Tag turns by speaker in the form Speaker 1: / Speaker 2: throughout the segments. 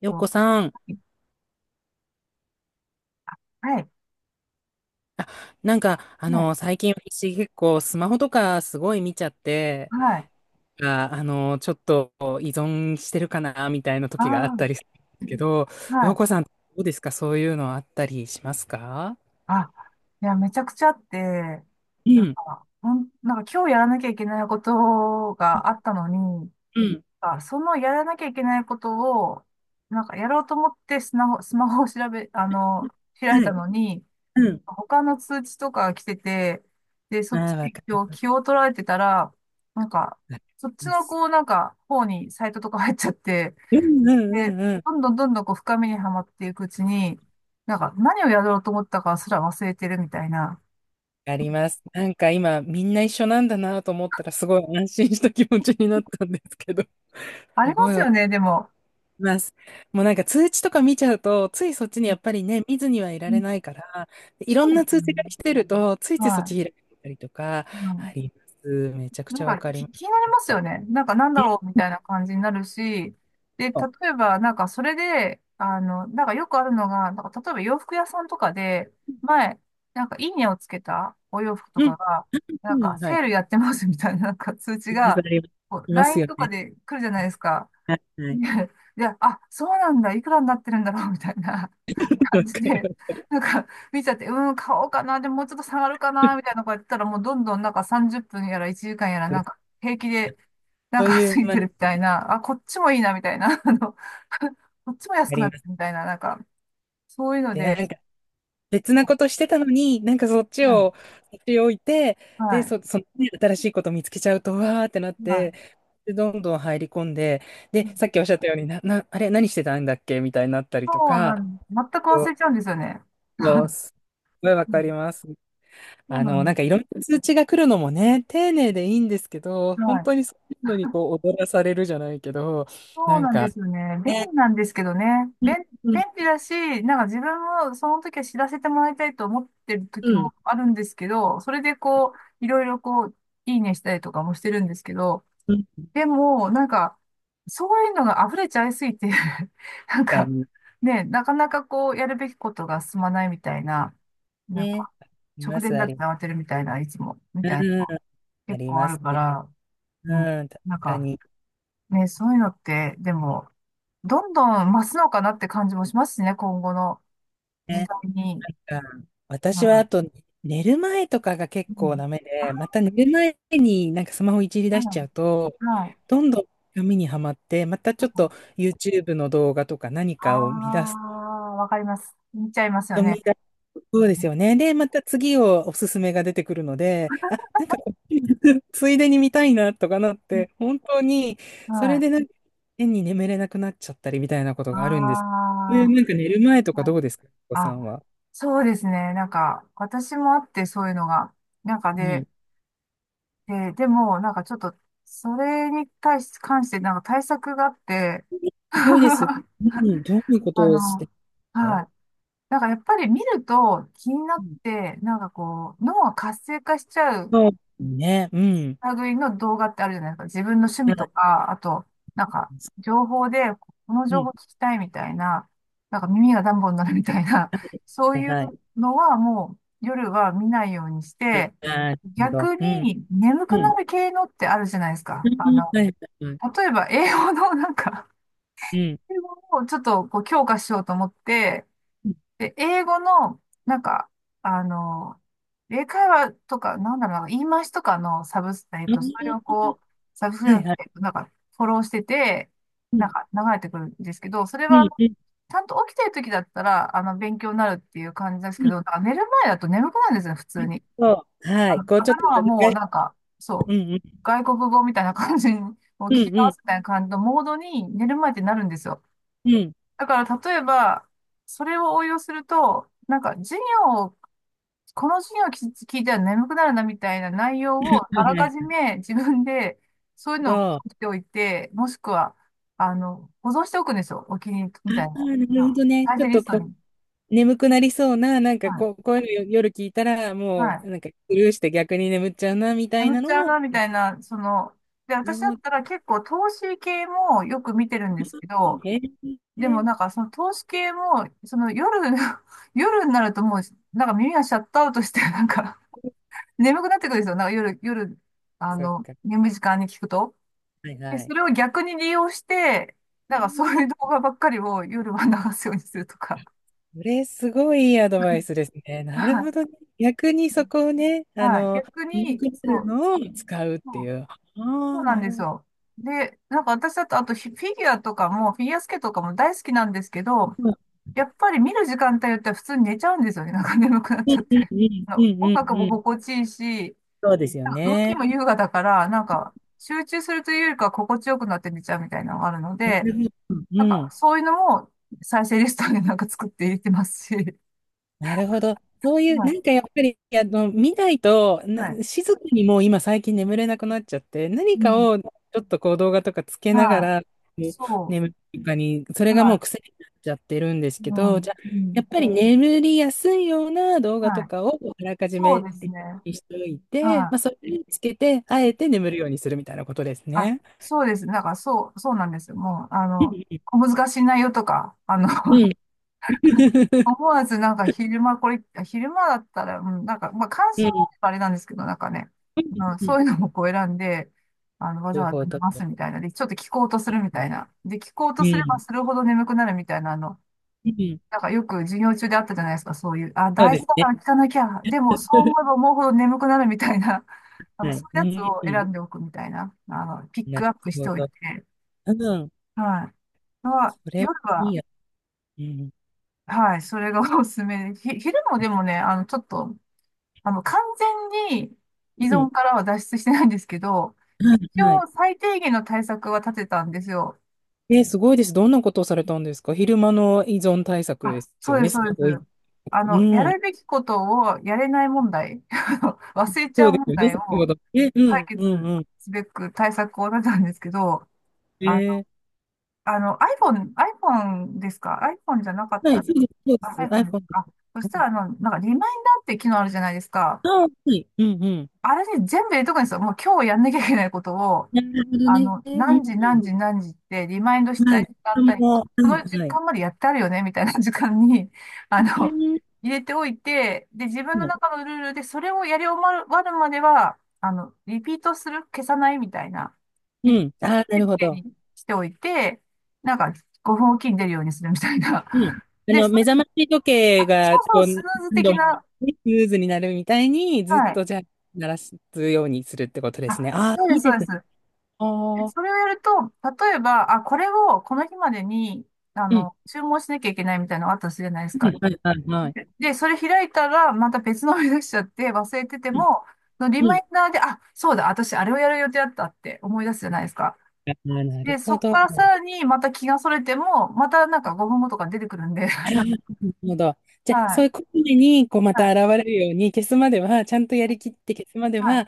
Speaker 1: よっこ
Speaker 2: と、
Speaker 1: さん、
Speaker 2: はい、
Speaker 1: なんか、
Speaker 2: はい、
Speaker 1: 最近私結構スマホとかすごい見ちゃって、
Speaker 2: はい、
Speaker 1: あ、ちょっと依存してるかな、みたいな
Speaker 2: あ
Speaker 1: 時があっ
Speaker 2: あ、
Speaker 1: たりするんですけど、よっ
Speaker 2: はい。
Speaker 1: こさん、どうですか？そういうのあったりしますか？
Speaker 2: あ、いや、めちゃくちゃあって、
Speaker 1: う
Speaker 2: なん
Speaker 1: ん、
Speaker 2: か、なんか今日やらなきゃいけないことがあったのに、
Speaker 1: うん、
Speaker 2: あ、そのやらなきゃいけないことを、なんかやろうと思ってスマホ、スマホを調べ、あの、開い
Speaker 1: は
Speaker 2: た
Speaker 1: い、
Speaker 2: のに、
Speaker 1: うん。
Speaker 2: 他の通知とかが来てて、で、
Speaker 1: あ
Speaker 2: そっち
Speaker 1: あ、わ
Speaker 2: に
Speaker 1: かり
Speaker 2: 今日
Speaker 1: ま
Speaker 2: 気
Speaker 1: す。
Speaker 2: を取られてたら、なんか、
Speaker 1: わか
Speaker 2: そっち
Speaker 1: りま
Speaker 2: の
Speaker 1: す。
Speaker 2: こう、なんか、方にサイトとか入っちゃって、
Speaker 1: うん、うん、う
Speaker 2: で、
Speaker 1: ん、うん。わ
Speaker 2: どんどんどんどんこう深みにはまっていくうちに、なんか何をやろうと思ったかすら忘れてるみたいな。
Speaker 1: かります。なんか今、みんな一緒なんだなと思ったら、すごい安心した気持ちになったんですけど、
Speaker 2: あ
Speaker 1: す
Speaker 2: り
Speaker 1: ご
Speaker 2: ま
Speaker 1: い
Speaker 2: すよね、でも。
Speaker 1: います。もうなんか通知とか見ちゃうと、ついそっちにやっぱりね、見ずにはい
Speaker 2: う
Speaker 1: られ
Speaker 2: ん、
Speaker 1: ないから、い
Speaker 2: そ
Speaker 1: ろ
Speaker 2: う
Speaker 1: ん
Speaker 2: で
Speaker 1: な
Speaker 2: す
Speaker 1: 通知が
Speaker 2: ね。
Speaker 1: 来てると、ついついそっ
Speaker 2: はい。
Speaker 1: ち開いたりとか、
Speaker 2: う
Speaker 1: あ
Speaker 2: ん、
Speaker 1: ります。めちゃく
Speaker 2: な
Speaker 1: ち
Speaker 2: ん
Speaker 1: ゃわ
Speaker 2: か
Speaker 1: かり
Speaker 2: き
Speaker 1: ま
Speaker 2: 気
Speaker 1: す。
Speaker 2: になり
Speaker 1: なん
Speaker 2: ます
Speaker 1: か、
Speaker 2: よね。なんかなんだろうみたいな感じになるし、で、例
Speaker 1: そ
Speaker 2: えばなんかそれで、なんかよくあるのが、なんか例えば洋服屋さんとかで、前、なんかいいねをつけたお洋服と
Speaker 1: う、う
Speaker 2: かが、なん
Speaker 1: ん、う
Speaker 2: か
Speaker 1: ん、はい。
Speaker 2: セ
Speaker 1: あ
Speaker 2: ールやってますみたいななんか通知
Speaker 1: ります、あ
Speaker 2: が、
Speaker 1: ります、
Speaker 2: こ
Speaker 1: い
Speaker 2: う
Speaker 1: ます
Speaker 2: LINE
Speaker 1: よ
Speaker 2: とか
Speaker 1: ね。
Speaker 2: で来るじゃないですか。
Speaker 1: はい。はい。
Speaker 2: ね。で、あ、そうなんだ、いくらになってるんだろう、みたいな 感
Speaker 1: わ
Speaker 2: じ
Speaker 1: か
Speaker 2: で、
Speaker 1: る。
Speaker 2: なんか見ちゃって、うん、買おうかな、でももうちょっと下がるかな、みたいなことやってたら、もうどんどんなんか30分やら1時間やら、なんか平気で、なん
Speaker 1: そう
Speaker 2: か
Speaker 1: いう、
Speaker 2: 過ぎ
Speaker 1: まあ、
Speaker 2: てるみたいな、あ、こっちもいいな、みたいな、こっちも安
Speaker 1: あ
Speaker 2: く
Speaker 1: り
Speaker 2: なって
Speaker 1: ます。
Speaker 2: るみたいな、なんか、そういうの
Speaker 1: で、
Speaker 2: で、
Speaker 1: なんか、別なことしてたのに、なんかそっ
Speaker 2: う
Speaker 1: ち
Speaker 2: ん、は
Speaker 1: を、そっち置いて、で、
Speaker 2: い、
Speaker 1: そのね、新しいこと見つけちゃうと、わーってなっ
Speaker 2: は
Speaker 1: て、
Speaker 2: い。
Speaker 1: で、どんどん入り込んで、
Speaker 2: う
Speaker 1: で、
Speaker 2: ん、
Speaker 1: さっきおっしゃったように、あれ、何してたんだっけみたいになったり
Speaker 2: そ
Speaker 1: と
Speaker 2: うな
Speaker 1: か、
Speaker 2: ん、全く
Speaker 1: そ
Speaker 2: 忘
Speaker 1: う
Speaker 2: れちゃうんですよね。
Speaker 1: そうすごいわ
Speaker 2: う
Speaker 1: かり
Speaker 2: ん、
Speaker 1: ます。
Speaker 2: そうな
Speaker 1: な
Speaker 2: ん
Speaker 1: ん
Speaker 2: で
Speaker 1: かいろんな通知が来るのもね、丁寧でいいんですけど、
Speaker 2: す。は
Speaker 1: 本
Speaker 2: い、
Speaker 1: 当にそういうのにこう、踊らされるじゃないけど、
Speaker 2: そう
Speaker 1: なん
Speaker 2: なんで
Speaker 1: か、
Speaker 2: すよね。便
Speaker 1: ね、
Speaker 2: 利なんですけどね。
Speaker 1: うん、
Speaker 2: 便、
Speaker 1: うん、
Speaker 2: 便利だし、なんか自分もその時は知らせてもらいたいと思ってる
Speaker 1: う
Speaker 2: 時も
Speaker 1: ん、
Speaker 2: あるんですけど、それでこう、いろいろこう、いいねしたりとかもしてるんですけど、
Speaker 1: うん、
Speaker 2: でも、なんか、そういうのが溢れちゃいすぎて なん
Speaker 1: 確か
Speaker 2: か、
Speaker 1: に、
Speaker 2: ね、なかなかこう、やるべきことが進まないみたいな、なん
Speaker 1: ね、
Speaker 2: か、
Speaker 1: あり
Speaker 2: 直
Speaker 1: ま
Speaker 2: 前に
Speaker 1: す、あ
Speaker 2: なっ
Speaker 1: り
Speaker 2: て
Speaker 1: ます。
Speaker 2: 慌てるみたいな、いつも、みたいな
Speaker 1: うん、
Speaker 2: のが
Speaker 1: あ
Speaker 2: 結
Speaker 1: り
Speaker 2: 構あ
Speaker 1: ます
Speaker 2: るか
Speaker 1: ね。
Speaker 2: ら、うん、
Speaker 1: うん、確
Speaker 2: なん
Speaker 1: か
Speaker 2: か、
Speaker 1: に
Speaker 2: ね、そういうのって、でも、どんどん増すのかなって感じもしますしね、今後の時
Speaker 1: ね。
Speaker 2: 代に。
Speaker 1: うん、
Speaker 2: う
Speaker 1: 私はあ
Speaker 2: ん。
Speaker 1: と寝る前とかが結
Speaker 2: う
Speaker 1: 構
Speaker 2: ん。
Speaker 1: ダメ
Speaker 2: あ、
Speaker 1: で、また寝る前になんかスマホいじり
Speaker 2: う
Speaker 1: 出しちゃ
Speaker 2: ん。
Speaker 1: うと、
Speaker 2: はい。
Speaker 1: どんどん紙にはまって、またちょっと YouTube の動画とか何かを見出
Speaker 2: あ
Speaker 1: す
Speaker 2: あ、わかります。見ちゃいますよ
Speaker 1: と見
Speaker 2: ね。
Speaker 1: 出す。そうで
Speaker 2: う
Speaker 1: すよね。で、また次をおすすめが出てくるので、あ、なんかこっち ついでに見たいなとかなって、
Speaker 2: ん、
Speaker 1: 本当に、そ
Speaker 2: は
Speaker 1: れ
Speaker 2: い。
Speaker 1: でなんか変に眠れなくなっちゃったりみたいなこと
Speaker 2: あ
Speaker 1: があるんです。なんか
Speaker 2: あ、
Speaker 1: 寝る前とか
Speaker 2: は
Speaker 1: ど
Speaker 2: い。
Speaker 1: うですか、お子さ
Speaker 2: あ、
Speaker 1: んは。
Speaker 2: そうですね。なんか、私もあって、そういうのが。なんか
Speaker 1: うん、
Speaker 2: で、でも、なんかちょっと、それに対し、関して、なんか対策があって、
Speaker 1: す ごいです。うん、どういうこ
Speaker 2: あ
Speaker 1: とをし
Speaker 2: の、
Speaker 1: てる
Speaker 2: は
Speaker 1: の？
Speaker 2: い。だからやっぱり見ると気にな
Speaker 1: う
Speaker 2: っ
Speaker 1: ん。
Speaker 2: て、なんかこう、脳が活性化しちゃう
Speaker 1: そうですね。うん。
Speaker 2: 類の動画ってあるじゃないですか。自分の趣
Speaker 1: そ
Speaker 2: 味と
Speaker 1: う、
Speaker 2: か、あと、なんか、情報で、この
Speaker 1: う
Speaker 2: 情
Speaker 1: ん。
Speaker 2: 報聞きたいみたいな、なんか耳がダンボになるみたいな、
Speaker 1: はい。
Speaker 2: そう
Speaker 1: はい
Speaker 2: いう
Speaker 1: はい。
Speaker 2: のはもう夜は見ないようにして、
Speaker 1: なるほど。
Speaker 2: 逆
Speaker 1: うん。
Speaker 2: に眠
Speaker 1: う
Speaker 2: くな
Speaker 1: ん。
Speaker 2: る系のってあるじゃないです
Speaker 1: う
Speaker 2: か。
Speaker 1: ん。はいはいはい。
Speaker 2: 例えば英語のなんか、
Speaker 1: うん。うん。あ
Speaker 2: 英
Speaker 1: あ。
Speaker 2: 語をちょっとこう強化しようと思って、で、英語の、なんか、あの、英会話とか、なんだろうな、言い回しとかのサブス、それをこう、サブス、
Speaker 1: は
Speaker 2: なん
Speaker 1: いはい。
Speaker 2: か、フォローしてて、
Speaker 1: う
Speaker 2: なん
Speaker 1: ん。
Speaker 2: か、流れてくるんですけど、
Speaker 1: うん、うん、うん、はい、はい、はい、うん、うん、あ、はい、はい、
Speaker 2: それは、
Speaker 1: うん、う
Speaker 2: ち
Speaker 1: ん、
Speaker 2: ゃんと起きてる時だったら、勉強になるっていう感じです
Speaker 1: うん、
Speaker 2: けど、なんか寝る前だと眠くなるんですよ、普通に。
Speaker 1: うん、はい。こうちょっと
Speaker 2: 頭はもう、
Speaker 1: ね、
Speaker 2: なんか、そ
Speaker 1: う
Speaker 2: う、
Speaker 1: ん、うん。
Speaker 2: 外国語みたいな感じに、もう聞
Speaker 1: う
Speaker 2: き
Speaker 1: ん、う
Speaker 2: 直
Speaker 1: ん。
Speaker 2: すみたいな感じのモードに寝る前ってなるんですよ。
Speaker 1: うん。
Speaker 2: だから例えば、それを応用すると、なんか授業を、この授業を聞いたら眠くなるなみたいな内容を
Speaker 1: は
Speaker 2: あら
Speaker 1: い
Speaker 2: かじ
Speaker 1: はい。
Speaker 2: め自分でそういう
Speaker 1: そう。
Speaker 2: のを含
Speaker 1: あ
Speaker 2: めておいて、もしくは、保存しておくんですよ。お気に入り
Speaker 1: あ、
Speaker 2: みたいな。
Speaker 1: なるほ
Speaker 2: あ、
Speaker 1: どね。
Speaker 2: 再
Speaker 1: ちょ
Speaker 2: 生
Speaker 1: っ
Speaker 2: リ
Speaker 1: と
Speaker 2: スト
Speaker 1: こう、
Speaker 2: に。
Speaker 1: 眠くなりそうな、なんか
Speaker 2: はい。
Speaker 1: こう、こういうの夜聞いたら、
Speaker 2: は
Speaker 1: もう、
Speaker 2: い。
Speaker 1: なんかスルーして逆に眠っちゃうな、みたい
Speaker 2: 眠
Speaker 1: な
Speaker 2: っちゃ
Speaker 1: の
Speaker 2: う
Speaker 1: を、
Speaker 2: なみたいな、その、で、
Speaker 1: なる
Speaker 2: 私だ
Speaker 1: ほ
Speaker 2: った
Speaker 1: ど。
Speaker 2: ら結構投資系もよく見てるんですけど、
Speaker 1: へ
Speaker 2: で
Speaker 1: え。
Speaker 2: もなんかその投資系も、その夜、夜になるともう、なんか耳がシャットアウトして、なんか眠くなってくるんですよ。なんか夜、
Speaker 1: そっか。
Speaker 2: 眠い時間に聞くと。
Speaker 1: はい
Speaker 2: で、
Speaker 1: は
Speaker 2: そ
Speaker 1: い。
Speaker 2: れを逆に利用して、なん
Speaker 1: な
Speaker 2: か
Speaker 1: る
Speaker 2: そう
Speaker 1: ほ
Speaker 2: いう動
Speaker 1: ど。
Speaker 2: 画ばっかりを夜は流すようにするとか。
Speaker 1: これ、すごいいいアドバイ スですね。なる
Speaker 2: はい。
Speaker 1: ほどね。逆にそこをね、
Speaker 2: はい、逆
Speaker 1: 眠く
Speaker 2: に、
Speaker 1: な
Speaker 2: そ
Speaker 1: る
Speaker 2: う、
Speaker 1: のを使うっ
Speaker 2: そ
Speaker 1: てい
Speaker 2: う、
Speaker 1: う。あ
Speaker 2: そう
Speaker 1: あ、
Speaker 2: なん
Speaker 1: な
Speaker 2: で
Speaker 1: る
Speaker 2: す
Speaker 1: ほど。
Speaker 2: よ。で、なんか私だと、あとフィギュアスケートとかも大好きなんですけど、やっぱり見る時間帯によっては普通に寝ちゃうんですよね。なんか眠くなっ
Speaker 1: う
Speaker 2: ちゃっ
Speaker 1: ん、うん、
Speaker 2: て。
Speaker 1: うん、
Speaker 2: あ
Speaker 1: う
Speaker 2: の
Speaker 1: ん、う
Speaker 2: 音楽
Speaker 1: ん、
Speaker 2: も
Speaker 1: うん。
Speaker 2: 心地いいし、
Speaker 1: そうですよ
Speaker 2: 動
Speaker 1: ね。
Speaker 2: きも優雅だから、なんか、集中するというよりかは心地よくなって寝ちゃうみたいなのがあるの
Speaker 1: な
Speaker 2: で、
Speaker 1: るほど。う
Speaker 2: なんか、
Speaker 1: ん。
Speaker 2: そういうのも再生リストになんか作って入れてますし。
Speaker 1: なるほど。そうい う、
Speaker 2: は
Speaker 1: なんかや
Speaker 2: い。
Speaker 1: っぱり、見ないと、
Speaker 2: はい。
Speaker 1: 静かにもう今最近眠れなくなっちゃって、何
Speaker 2: う
Speaker 1: か
Speaker 2: ん。
Speaker 1: をちょっとこう動画とかつけなが
Speaker 2: はい。
Speaker 1: ら、もう
Speaker 2: そ
Speaker 1: 眠るとかに、そ
Speaker 2: う。
Speaker 1: れがもう
Speaker 2: は
Speaker 1: 癖になっちゃってるんです
Speaker 2: い。
Speaker 1: け
Speaker 2: う
Speaker 1: ど、じ
Speaker 2: ん。
Speaker 1: ゃあ、
Speaker 2: う
Speaker 1: や
Speaker 2: ん。
Speaker 1: っぱり眠りやすいような動画
Speaker 2: は
Speaker 1: と
Speaker 2: い。
Speaker 1: かをあらかじ
Speaker 2: そう
Speaker 1: め
Speaker 2: ですね。
Speaker 1: にしておいて、
Speaker 2: は
Speaker 1: まあ、
Speaker 2: い。
Speaker 1: それにつけて、あえて眠るようにするみたいなことです
Speaker 2: あ、
Speaker 1: ね。
Speaker 2: そうです。なんか、そう、そうなんですよ。もう、
Speaker 1: うん。
Speaker 2: 小難しい内容とか、
Speaker 1: うん。
Speaker 2: 思わずなんか昼間これ、昼間だったら、うん、なんか、まあ関
Speaker 1: う
Speaker 2: 心が
Speaker 1: ん。
Speaker 2: あればあれなんですけど、なんかね、
Speaker 1: う
Speaker 2: うん、そうい
Speaker 1: ん、
Speaker 2: うのもこう選んで、わざ
Speaker 1: なる
Speaker 2: わざ
Speaker 1: ほ
Speaker 2: 流
Speaker 1: ど。
Speaker 2: すみたいな。で、ちょっと聞こうとするみたいな。で、聞こう
Speaker 1: う
Speaker 2: とすれば
Speaker 1: ん。
Speaker 2: するほど眠くなるみたいな、
Speaker 1: うん。
Speaker 2: なんかよく授業中であったじゃないですか、そういう、あ、
Speaker 1: そう
Speaker 2: 大
Speaker 1: で
Speaker 2: 事
Speaker 1: す
Speaker 2: だか
Speaker 1: ね。
Speaker 2: ら聞かなきゃ、でもそう思えば思うほど眠くなるみたいな、なんか
Speaker 1: は
Speaker 2: そ
Speaker 1: い。う
Speaker 2: ういうやつを選
Speaker 1: ん。
Speaker 2: んでおくみたいな、ピッ
Speaker 1: な
Speaker 2: ク
Speaker 1: る
Speaker 2: アップして
Speaker 1: ほ
Speaker 2: おい
Speaker 1: ど。
Speaker 2: て、
Speaker 1: うん。
Speaker 2: はい。は
Speaker 1: それはい
Speaker 2: 夜
Speaker 1: い
Speaker 2: は、
Speaker 1: や。うん。
Speaker 2: はい、それがおすすめで、昼もでもね、ちょっと、完全に依
Speaker 1: うん。
Speaker 2: 存からは脱出してないんですけど、
Speaker 1: は
Speaker 2: 一
Speaker 1: い。はい。
Speaker 2: 応最低限の対策は立てたんですよ。
Speaker 1: すごいです。どんなことをされたんですか？昼間の依存対策で
Speaker 2: あ、
Speaker 1: す
Speaker 2: そ
Speaker 1: よ
Speaker 2: うで
Speaker 1: ね。
Speaker 2: す、
Speaker 1: す
Speaker 2: そうで
Speaker 1: ごい。
Speaker 2: す。
Speaker 1: う
Speaker 2: や
Speaker 1: ん。
Speaker 2: るべきことをやれない問題、あの忘れちゃ
Speaker 1: そ
Speaker 2: う
Speaker 1: うです
Speaker 2: 問
Speaker 1: よね。
Speaker 2: 題
Speaker 1: 先ほ
Speaker 2: を
Speaker 1: ど。え、う
Speaker 2: 解
Speaker 1: ん、うん、
Speaker 2: 決
Speaker 1: うん。
Speaker 2: すべく対策を立てたんですけど、
Speaker 1: え
Speaker 2: あの、
Speaker 1: ー、
Speaker 2: iPhone ですか？ iPhone じゃなかっ
Speaker 1: はい、
Speaker 2: た。
Speaker 1: そうです、そうで
Speaker 2: あ、
Speaker 1: す。
Speaker 2: iPhone です
Speaker 1: iPhone で
Speaker 2: か。
Speaker 1: す。
Speaker 2: あそ
Speaker 1: は
Speaker 2: した
Speaker 1: い。
Speaker 2: ら、なんかリマインダーって機能あるじゃないですか。
Speaker 1: ああ、はい。うん、うん。
Speaker 2: あれに全部入れとくんですよ。もう今日やんなきゃいけないことを、
Speaker 1: なるほどね。うん、う
Speaker 2: 何時何
Speaker 1: ん。
Speaker 2: 時何時ってリマインドした
Speaker 1: はい。
Speaker 2: い時間帯、こ
Speaker 1: は
Speaker 2: この時
Speaker 1: い、はい。
Speaker 2: 間までやってあるよね、みたいな時間に、あ
Speaker 1: う
Speaker 2: の、
Speaker 1: ん、
Speaker 2: 入れておいて、で、自分の中のルールでそれをやり終わるまでは、リピートする、消さないみたいな、リ
Speaker 1: う
Speaker 2: ピ
Speaker 1: ん。
Speaker 2: ート
Speaker 1: ああ、なる
Speaker 2: 設
Speaker 1: ほ
Speaker 2: 定
Speaker 1: ど。
Speaker 2: にしておいて、なんか5分おきに出るようにするみたいな。
Speaker 1: うん。
Speaker 2: で、そ
Speaker 1: 目
Speaker 2: れ、
Speaker 1: 覚まし時
Speaker 2: あ、
Speaker 1: 計
Speaker 2: そ
Speaker 1: が、
Speaker 2: うそ
Speaker 1: こ
Speaker 2: う、
Speaker 1: う、
Speaker 2: スヌーズ
Speaker 1: 何度
Speaker 2: 的
Speaker 1: も
Speaker 2: な、
Speaker 1: ね、スムーズになるみたいに、ずっ
Speaker 2: はい。
Speaker 1: とじゃあ、鳴らすようにするってことです
Speaker 2: あ、
Speaker 1: ね。ああ、
Speaker 2: そうで
Speaker 1: いい
Speaker 2: す、そう
Speaker 1: で
Speaker 2: で
Speaker 1: すね。
Speaker 2: す。
Speaker 1: ああ、
Speaker 2: それをやると、例えば、あ、これをこの日までに、
Speaker 1: うん。は
Speaker 2: 注文しなきゃいけないみたいなのがあったとするじゃないです
Speaker 1: い、
Speaker 2: か。
Speaker 1: はい、はい、はい。
Speaker 2: でそれ開いたら、また別のを出しちゃって忘れてて
Speaker 1: うん。
Speaker 2: も、そのリ
Speaker 1: う
Speaker 2: マ
Speaker 1: ん、
Speaker 2: インダーで、あ、そうだ、私あれをやる予定だったって思い出すじゃないですか。
Speaker 1: ああ、な
Speaker 2: で、
Speaker 1: るほ
Speaker 2: そこ
Speaker 1: ど。
Speaker 2: から
Speaker 1: な
Speaker 2: さらにまた気がそれても、またなんか5分後とか出てくるんで、
Speaker 1: るほど。じゃあ、
Speaker 2: は
Speaker 1: そう
Speaker 2: い、
Speaker 1: いうことに、こう、ま
Speaker 2: は
Speaker 1: た
Speaker 2: い、
Speaker 1: 現れるように、消すまでは、ちゃんとやりきって消すまで
Speaker 2: はい。
Speaker 1: は、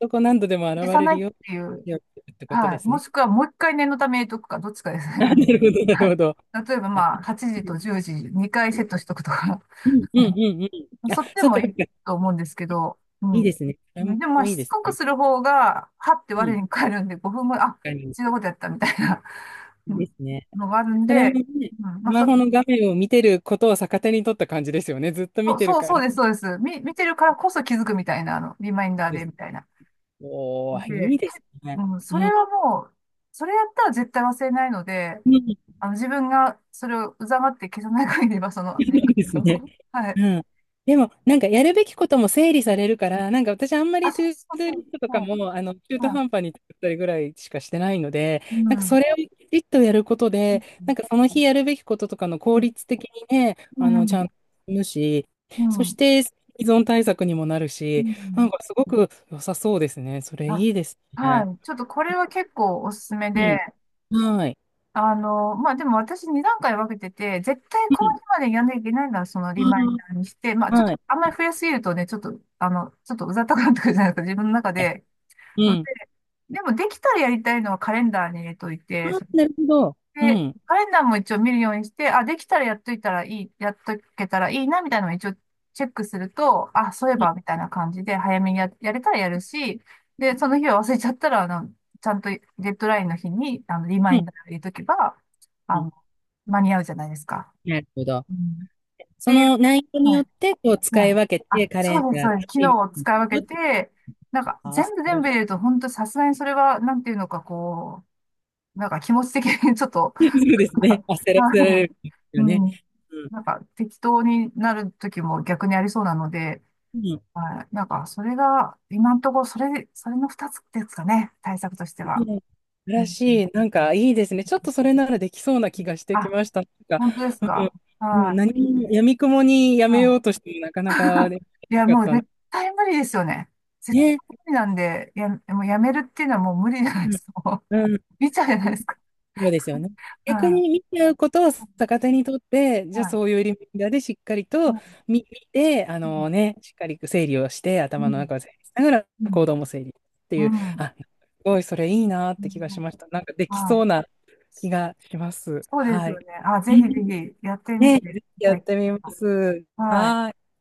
Speaker 1: どこ何度でも現
Speaker 2: 消さ
Speaker 1: れ
Speaker 2: な
Speaker 1: る
Speaker 2: いっ
Speaker 1: よう
Speaker 2: ていう、
Speaker 1: にってこと
Speaker 2: は
Speaker 1: で
Speaker 2: い。
Speaker 1: す
Speaker 2: も
Speaker 1: ね。
Speaker 2: しくはもう一回念のために入れとくか、どっちかですね。
Speaker 1: あ、なるほど、な
Speaker 2: は
Speaker 1: る
Speaker 2: い。
Speaker 1: ほど。
Speaker 2: 例えば
Speaker 1: あ、
Speaker 2: まあ、8時と10時、2回セットしとくとか。
Speaker 1: うん、うん、うん、うん。あ、
Speaker 2: そっちで
Speaker 1: そう
Speaker 2: も
Speaker 1: か、そ
Speaker 2: い
Speaker 1: う
Speaker 2: い
Speaker 1: か。
Speaker 2: と思うんですけど、う
Speaker 1: いいで
Speaker 2: ん。
Speaker 1: すね。それも
Speaker 2: でもまあ、
Speaker 1: いい
Speaker 2: し
Speaker 1: で
Speaker 2: つ
Speaker 1: す
Speaker 2: こく
Speaker 1: ね。
Speaker 2: する方が、はって
Speaker 1: うん、
Speaker 2: 我に返るんで、5分後、あ、
Speaker 1: 確かに。
Speaker 2: 違うことやったみたいなう
Speaker 1: で
Speaker 2: ん
Speaker 1: すね。
Speaker 2: のがあるん
Speaker 1: それも
Speaker 2: で、
Speaker 1: ね、
Speaker 2: うん、
Speaker 1: ス
Speaker 2: まあ、
Speaker 1: マホの画面を見てることを逆手に取った感じですよね。ずっと
Speaker 2: そ
Speaker 1: 見
Speaker 2: う、
Speaker 1: てる
Speaker 2: そう
Speaker 1: か
Speaker 2: そう
Speaker 1: ら。
Speaker 2: です、そうです。見てるからこそ気づくみたいな、リマインダー
Speaker 1: で
Speaker 2: で、
Speaker 1: す。
Speaker 2: みたいな。
Speaker 1: おー、いい
Speaker 2: で、
Speaker 1: ですね。
Speaker 2: うん、そ
Speaker 1: う
Speaker 2: れ
Speaker 1: ん。
Speaker 2: はもう、それやったら絶対忘れないので、
Speaker 1: うん
Speaker 2: 自分がそれをうざがって消さない限りは、その、
Speaker 1: い
Speaker 2: リマ
Speaker 1: い
Speaker 2: イ
Speaker 1: で
Speaker 2: ン
Speaker 1: す
Speaker 2: ダ
Speaker 1: ね。
Speaker 2: ーを。はい。
Speaker 1: うん。でも、なんかやるべきことも整理されるから、なんか私あんま
Speaker 2: あ、
Speaker 1: りト
Speaker 2: そ
Speaker 1: ゥ
Speaker 2: う
Speaker 1: ー
Speaker 2: そう
Speaker 1: ドゥ
Speaker 2: そ
Speaker 1: リ
Speaker 2: う。
Speaker 1: ストとか
Speaker 2: はい。
Speaker 1: も、中途
Speaker 2: は
Speaker 1: 半端に作ったりぐらいしかしてないので、
Speaker 2: い。う
Speaker 1: なんかそ
Speaker 2: ん。
Speaker 1: れをきちっとやること
Speaker 2: う
Speaker 1: で、なん
Speaker 2: ん。
Speaker 1: かその日やるべきこととかの効
Speaker 2: う
Speaker 1: 率的にね、
Speaker 2: ん。う
Speaker 1: ちゃん
Speaker 2: ん
Speaker 1: と進むし、
Speaker 2: う
Speaker 1: そし
Speaker 2: ん。
Speaker 1: て依存対策にもなる
Speaker 2: う
Speaker 1: し、なん
Speaker 2: ん。
Speaker 1: かすごく良さそうですね。それ
Speaker 2: あ、
Speaker 1: いいです
Speaker 2: は
Speaker 1: ね。
Speaker 2: い。ちょっとこれは結構おすすめ
Speaker 1: う
Speaker 2: で、
Speaker 1: ん。はい。
Speaker 2: まあ、でも私2段階分けてて、絶対こ
Speaker 1: う
Speaker 2: の
Speaker 1: ん。
Speaker 2: 日までやんなきゃいけないならそのリマインダーにして、まあ、ちょっ
Speaker 1: はい。
Speaker 2: とあんまり増やしすぎるとね、ちょっとうざったくなってくるじゃないですか、自分の中で。
Speaker 1: う
Speaker 2: ので、
Speaker 1: ん。
Speaker 2: でもできたらやりたいのはカレンダーに入れとい
Speaker 1: あ、
Speaker 2: て、
Speaker 1: なるほど。う
Speaker 2: で、
Speaker 1: ん。
Speaker 2: カレンダーも一応見るようにして、あ、できたらやっといたらいい、やっとけたらいいな、みたいなのを一応チェックすると、あ、そういえ
Speaker 1: う
Speaker 2: ば、み
Speaker 1: ん。
Speaker 2: たいな感じで、早めにやれたらやるし、で、その日は忘れちゃったら、ちゃんとデッドラインの日に、リマ
Speaker 1: う
Speaker 2: イン
Speaker 1: ん。
Speaker 2: ダー入れとけば、
Speaker 1: う
Speaker 2: あ
Speaker 1: ん、
Speaker 2: の、間に合うじゃないですか。
Speaker 1: なるほど。
Speaker 2: うん。っ
Speaker 1: そ
Speaker 2: ていう、
Speaker 1: の内容に
Speaker 2: は
Speaker 1: よっ
Speaker 2: い、
Speaker 1: て、こう、使
Speaker 2: は
Speaker 1: い
Speaker 2: い。
Speaker 1: 分けて、
Speaker 2: あ、
Speaker 1: カレン
Speaker 2: そうです、
Speaker 1: ダー
Speaker 2: そ
Speaker 1: と
Speaker 2: うです。
Speaker 1: テ
Speaker 2: 機
Speaker 1: レビ
Speaker 2: 能を
Speaker 1: に
Speaker 2: 使い分
Speaker 1: 行
Speaker 2: け
Speaker 1: くって、
Speaker 2: て、なんか、
Speaker 1: あ、焦
Speaker 2: 全部全
Speaker 1: ら
Speaker 2: 部
Speaker 1: し
Speaker 2: 入れると、本当さすがにそれは、なんていうのか、こう、なんか気持ち的にちょっと、
Speaker 1: そうです
Speaker 2: は
Speaker 1: ね。
Speaker 2: い。
Speaker 1: 焦らせら
Speaker 2: はい。
Speaker 1: れるんです
Speaker 2: う
Speaker 1: よね。
Speaker 2: ん。
Speaker 1: うん。
Speaker 2: なんか適当になる時も逆にありそうなので、
Speaker 1: うん。
Speaker 2: はい。なんかそれが、今のところそれの二つですかね。対策として
Speaker 1: うん、
Speaker 2: は。
Speaker 1: 素晴
Speaker 2: う
Speaker 1: ら
Speaker 2: ん。
Speaker 1: しい。なんか、いいですね。ちょっとそれならできそうな気がしてき
Speaker 2: あ、
Speaker 1: ました。なんか、
Speaker 2: 本当です
Speaker 1: うん。
Speaker 2: か。
Speaker 1: もう
Speaker 2: は
Speaker 1: 何も、やみくもにや
Speaker 2: い。
Speaker 1: めようと
Speaker 2: う
Speaker 1: しても、なかなか
Speaker 2: ん。
Speaker 1: でき
Speaker 2: いや、
Speaker 1: なか
Speaker 2: も
Speaker 1: っ
Speaker 2: う
Speaker 1: たんで
Speaker 2: 絶対無理ですよね。絶
Speaker 1: ね。
Speaker 2: 対無理なんで、もうやめるっていうのはもう無理じゃない
Speaker 1: う
Speaker 2: で
Speaker 1: ん。
Speaker 2: すか。もう
Speaker 1: うん。
Speaker 2: 見ちゃうじゃないですか。
Speaker 1: そうですよね。逆
Speaker 2: は
Speaker 1: に見ちゃうことを逆手にとって、
Speaker 2: い。
Speaker 1: じゃあ
Speaker 2: は
Speaker 1: そう
Speaker 2: い。
Speaker 1: いうリマインダーでしっかり
Speaker 2: は
Speaker 1: と
Speaker 2: い。
Speaker 1: 見て、あ
Speaker 2: うん。
Speaker 1: のね、しっかり整理をして、
Speaker 2: う
Speaker 1: 頭の
Speaker 2: ん。
Speaker 1: 中を整理しなが
Speaker 2: う
Speaker 1: ら行
Speaker 2: ん。
Speaker 1: 動も整理って
Speaker 2: う
Speaker 1: いう、
Speaker 2: ん。
Speaker 1: あ、すごいそれいいなっ
Speaker 2: う
Speaker 1: て気がし
Speaker 2: ん。
Speaker 1: ました。なんかできそ
Speaker 2: は
Speaker 1: う
Speaker 2: い。
Speaker 1: な気がします。
Speaker 2: そうです
Speaker 1: は
Speaker 2: よ
Speaker 1: い。
Speaker 2: ね。あ、
Speaker 1: う
Speaker 2: ぜひぜ
Speaker 1: ん、
Speaker 2: ひやってみ
Speaker 1: ね、
Speaker 2: てく
Speaker 1: ぜひ
Speaker 2: だ
Speaker 1: や
Speaker 2: さ
Speaker 1: っ
Speaker 2: い。
Speaker 1: てみます。
Speaker 2: はい。
Speaker 1: はい。